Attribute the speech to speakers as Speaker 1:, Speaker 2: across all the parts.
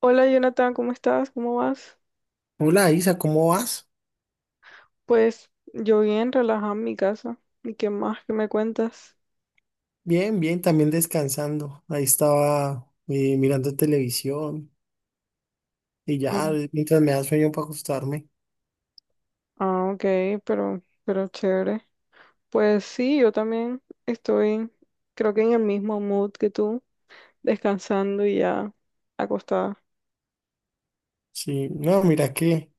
Speaker 1: Hola Jonathan, ¿cómo estás? ¿Cómo vas?
Speaker 2: Hola Isa, ¿cómo vas?
Speaker 1: Pues yo bien, relajada en mi casa. ¿Y qué más que me cuentas?
Speaker 2: Bien, bien, también descansando. Ahí estaba mirando televisión y ya,
Speaker 1: Ah,
Speaker 2: mientras me da sueño para acostarme.
Speaker 1: Ah, ok, pero, chévere. Pues sí, yo también estoy, creo que en el mismo mood que tú, descansando y ya acostada.
Speaker 2: Sí, no, mira que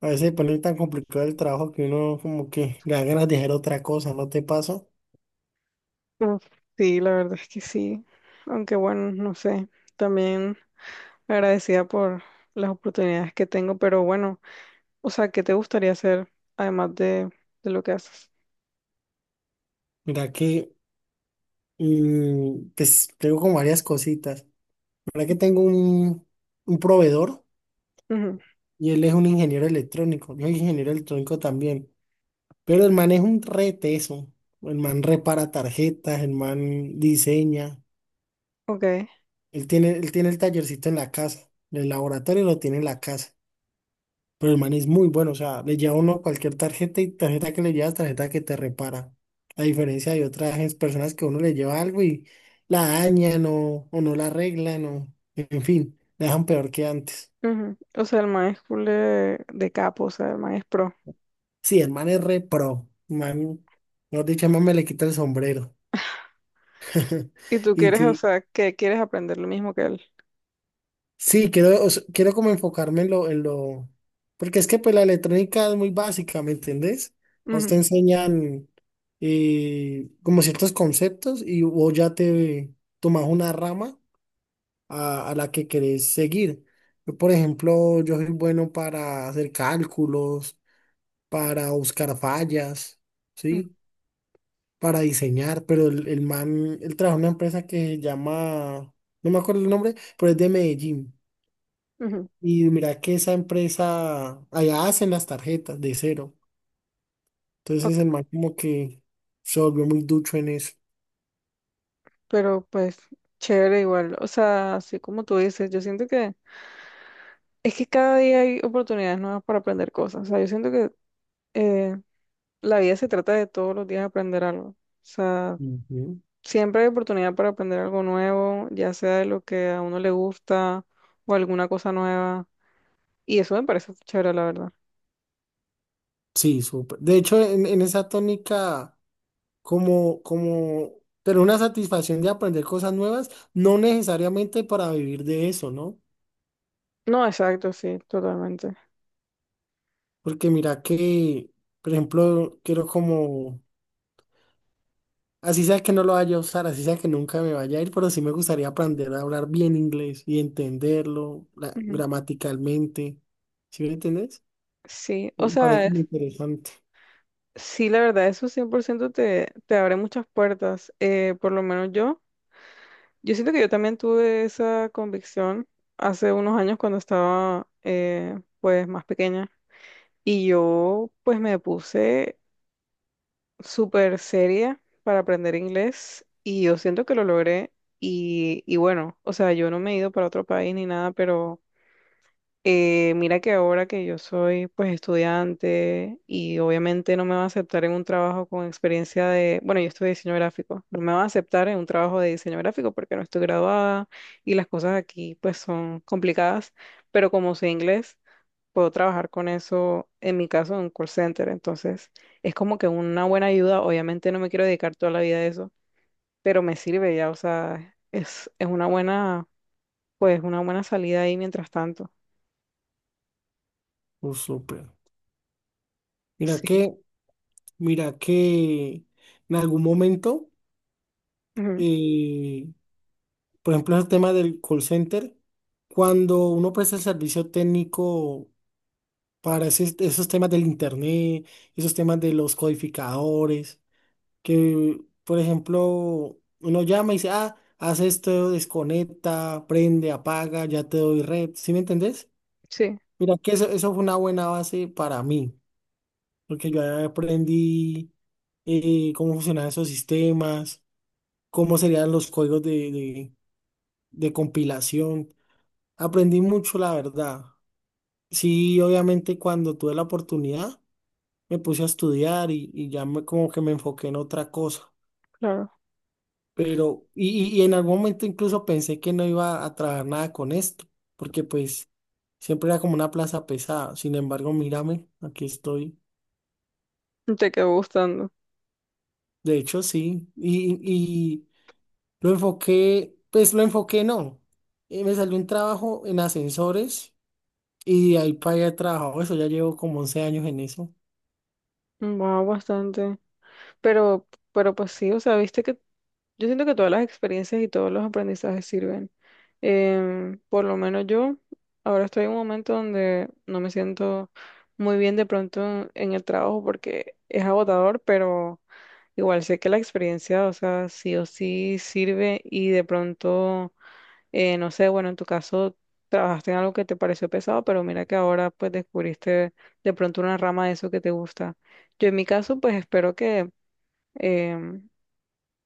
Speaker 2: a veces se pone tan complicado el trabajo que uno como que le da ganas de hacer otra cosa, ¿no te pasa?
Speaker 1: Uf, sí, la verdad es que sí. Aunque bueno, no sé, también agradecida por las oportunidades que tengo, pero bueno, o sea, ¿qué te gustaría hacer además de lo que haces?
Speaker 2: Mira que, pues tengo como varias cositas. Mira que tengo un proveedor
Speaker 1: Ujú,
Speaker 2: y él es un ingeniero electrónico. Yo soy ingeniero electrónico también. Pero el man es un reteso. El man repara tarjetas, el man diseña.
Speaker 1: ok.
Speaker 2: Él tiene el tallercito en la casa. El laboratorio lo tiene en la casa. Pero el man es muy bueno. O sea, le lleva uno cualquier tarjeta y tarjeta que le llevas, tarjeta que te repara. A diferencia de otras personas que uno le lleva algo y la dañan o no la arreglan o, en fin, la dejan peor que antes.
Speaker 1: Ujú. O sea, el man es cool de, capo, o sea, el man es pro.
Speaker 2: Sí, el man es re pro. El Man, mejor dicho, el man me le quita el sombrero.
Speaker 1: Y tú
Speaker 2: Y
Speaker 1: quieres, o
Speaker 2: sí,
Speaker 1: sea, que quieres aprender lo mismo que él.
Speaker 2: sí, quiero, o sea, quiero como enfocarme en en lo, porque es que pues la electrónica es muy básica, ¿me entendés? A usted
Speaker 1: Ujú,
Speaker 2: enseñan como ciertos conceptos y vos ya te tomas una rama a la que querés seguir. Yo soy bueno para hacer cálculos, para buscar fallas,
Speaker 1: ujú,
Speaker 2: ¿sí? Para diseñar, pero el man, él trabaja en una empresa que se llama, no me acuerdo el nombre, pero es de Medellín.
Speaker 1: ujú.
Speaker 2: Y mira que esa empresa, allá hacen las tarjetas de cero. Entonces el
Speaker 1: Ok,
Speaker 2: man como que se volvió muy ducho en eso.
Speaker 1: pero pues, chévere igual. O sea, así como tú dices, yo siento que es que cada día hay oportunidades nuevas para aprender cosas. O sea, yo siento que eh, la vida se trata de todos los días aprender algo. O sea,
Speaker 2: Ujú.
Speaker 1: siempre hay oportunidad para aprender algo nuevo, ya sea de lo que a uno le gusta o alguna cosa nueva. Y eso me parece chévere, la verdad.
Speaker 2: Sí, súper. De hecho, en esa tónica, como, como, pero una satisfacción de aprender cosas nuevas, no necesariamente para vivir de eso, ¿no?
Speaker 1: No, exacto, sí, totalmente.
Speaker 2: Porque mira que, por ejemplo, quiero como, así sea que no lo vaya a usar, así sea que nunca me vaya a ir, pero sí me gustaría aprender a hablar bien inglés y entenderlo
Speaker 1: Ujú.
Speaker 2: gramaticalmente. ¿Sí me entendés?
Speaker 1: Sí, o
Speaker 2: Me parece
Speaker 1: sea,
Speaker 2: muy interesante.
Speaker 1: sí, la verdad, eso 100% te, abre muchas puertas. Por lo menos yo, yo siento que yo también tuve esa convicción hace unos años cuando estaba pues más pequeña y yo pues me puse súper seria para aprender inglés y yo siento que lo logré y, bueno, o sea, yo no me he ido para otro país ni nada, pero... mira que ahora que yo soy pues estudiante y obviamente no me va a aceptar en un trabajo con experiencia de, bueno, yo estudio diseño gráfico, no me va a aceptar en un trabajo de diseño gráfico porque no estoy graduada y las cosas aquí pues son complicadas, pero como sé inglés, puedo trabajar con eso, en mi caso, en un call center, entonces es como que una buena ayuda, obviamente no me quiero dedicar toda la vida a eso, pero me sirve ya, o sea, es, una buena, pues una buena salida ahí mientras tanto,
Speaker 2: Oh, súper. Mira
Speaker 1: sí.
Speaker 2: que, mira que en algún momento, eh, por ejemplo, el tema del call center, cuando uno presta el servicio técnico para esos temas del internet, esos temas de los codificadores, que, por ejemplo, uno llama y dice, ah, haz esto, desconecta, prende, apaga, ya te doy red, ¿sí me entendés?
Speaker 1: Sí,
Speaker 2: Mira que eso fue una buena base para mí, porque yo ahí aprendí cómo funcionaban esos sistemas, cómo serían los códigos de compilación. Aprendí mucho, la verdad. Sí, obviamente cuando tuve la oportunidad, me puse a estudiar y ya me, como que me enfoqué en otra cosa.
Speaker 1: claro.
Speaker 2: Pero, en algún momento incluso pensé que no iba a trabajar nada con esto, porque pues siempre era como una plaza pesada. Sin embargo, mírame, aquí estoy.
Speaker 1: Te quedó gustando.
Speaker 2: De hecho, sí. Lo enfoqué, pues lo enfoqué, no. Me salió un trabajo en ascensores y de ahí para allá he trabajado eso. Ya llevo como 11 años en eso.
Speaker 1: Wow, bastante. Pero, pues sí, o sea, viste que yo siento que todas las experiencias y todos los aprendizajes sirven. Em, por lo menos yo ahora estoy en un momento donde no me siento muy bien de pronto en, el trabajo porque es agotador, pero igual sé que la experiencia, o sea, sí o sí sirve y de pronto no sé, bueno, en tu caso trabajaste en algo que te pareció pesado, pero mira que ahora pues descubriste de pronto una rama de eso que te gusta. Yo en mi caso pues espero que, em,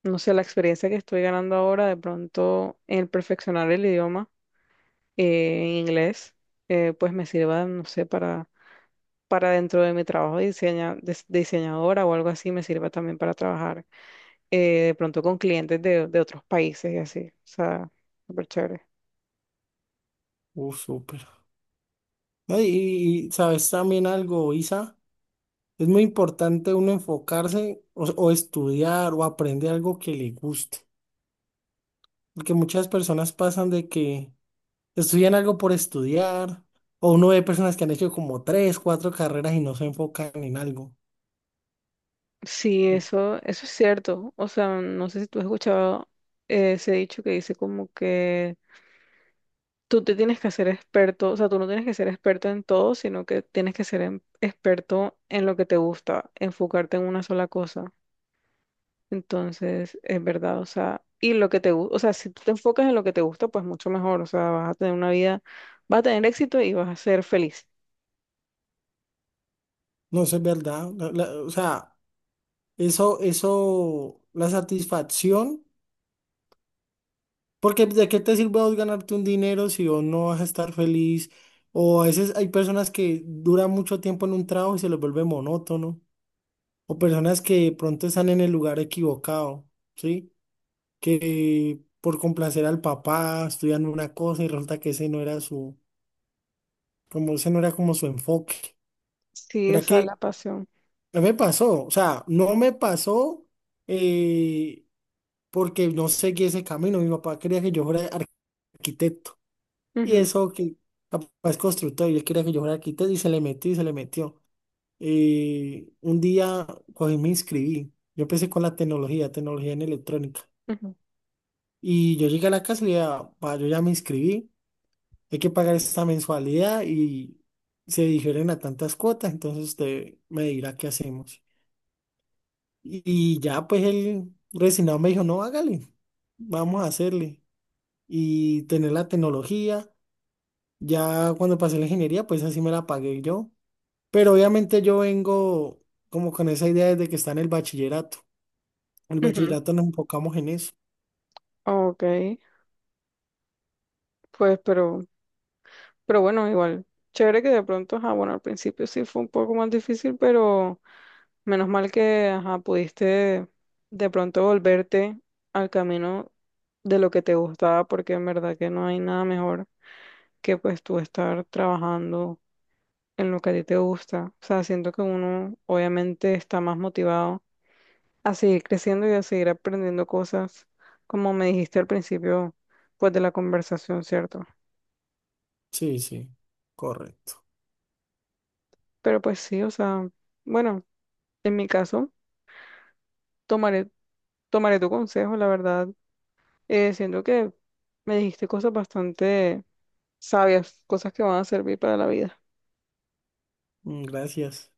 Speaker 1: no sé, la experiencia que estoy ganando ahora de pronto en el perfeccionar el idioma en inglés, pues me sirva, no sé, para dentro de mi trabajo de, de diseñadora o algo así, me sirva también para trabajar de pronto con clientes de, otros países y así. O sea, súper chévere.
Speaker 2: Súper. No, y sabes también algo, Isa, es muy importante uno enfocarse o estudiar o aprender algo que le guste. Porque muchas personas pasan de que estudian algo por estudiar, o uno ve personas que han hecho como tres, cuatro carreras y no se enfocan en algo.
Speaker 1: Sí, eso, es cierto. O sea, no sé si tú has escuchado ese dicho que dice como que tú te tienes que hacer experto, o sea, tú no tienes que ser experto en todo, sino que tienes que ser experto en lo que te gusta, enfocarte en una sola cosa. Entonces, es verdad, o sea, y lo que te gusta, o sea, si tú te enfocas en lo que te gusta, pues mucho mejor, o sea, vas a tener una vida, vas a tener éxito y vas a ser feliz.
Speaker 2: No, eso es verdad. O sea, la satisfacción, porque ¿de qué te sirve a vos ganarte un dinero si vos no vas a estar feliz? O a veces hay personas que duran mucho tiempo en un trabajo y se les vuelve monótono, o personas que de pronto están en el lugar equivocado, ¿sí? Que por complacer al papá estudian una cosa y resulta que ese no era como ese no era como su enfoque.
Speaker 1: Sí, o
Speaker 2: Mira
Speaker 1: sea, la
Speaker 2: que
Speaker 1: pasión.
Speaker 2: no me pasó, o sea, no me pasó, eh, porque no seguí ese camino. Mi papá quería que yo fuera arquitecto y
Speaker 1: Ujú,
Speaker 2: eso que papá es constructor y él quería que yo fuera arquitecto y se le metió y se le metió. Un día cogí y me inscribí. Yo empecé con la tecnología, tecnología en electrónica.
Speaker 1: ujú,
Speaker 2: Y yo llegué a la casa y le dije, "Ah, pa, yo ya me inscribí. Hay que pagar esta mensualidad y se difieren a tantas cuotas, entonces usted me dirá qué hacemos." Y ya pues el resignado me dijo, no, hágale, vamos a hacerle. Y tener la tecnología, ya cuando pasé la ingeniería, pues así me la pagué yo. Pero obviamente yo vengo como con esa idea desde que está en el bachillerato. En el
Speaker 1: ujú.
Speaker 2: bachillerato nos enfocamos en eso.
Speaker 1: Ok, pues, pero... Pero bueno, igual, chévere que de pronto, ajá, bueno, al principio sí fue un poco más difícil, pero menos mal que, ajá, pudiste de pronto volverte al camino de lo que te gustaba, porque en verdad que no hay nada mejor que pues tú estar trabajando en lo que a ti te gusta. O sea, siento que uno obviamente está más motivado a seguir creciendo y a seguir aprendiendo cosas, como me dijiste al principio, pues de la conversación, ¿cierto?
Speaker 2: Sí, sí, correcto.
Speaker 1: Pero pues sí, o sea, bueno, en mi caso. Tomaré, tu consejo, la verdad. Siento que me dijiste cosas bastante sabias, cosas que van a servir para la vida.
Speaker 2: Mm, gracias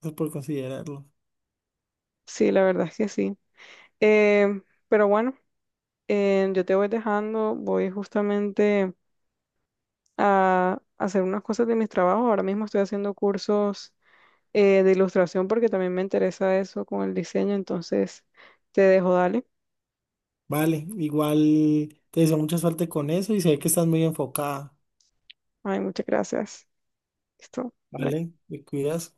Speaker 2: pues, por considerarlo.
Speaker 1: Sí, la verdad es que sí. Em, pero bueno, em, yo te voy dejando, voy justamente a hacer unas cosas de mis trabajos. Ahora mismo estoy haciendo cursos de ilustración porque también me interesa eso con el diseño, entonces te dejo, dale.
Speaker 2: Vale, igual te deseo mucha suerte con eso y sé que estás muy enfocada.
Speaker 1: Ay, muchas gracias. Listo. Bye.
Speaker 2: Vale, te cuidas.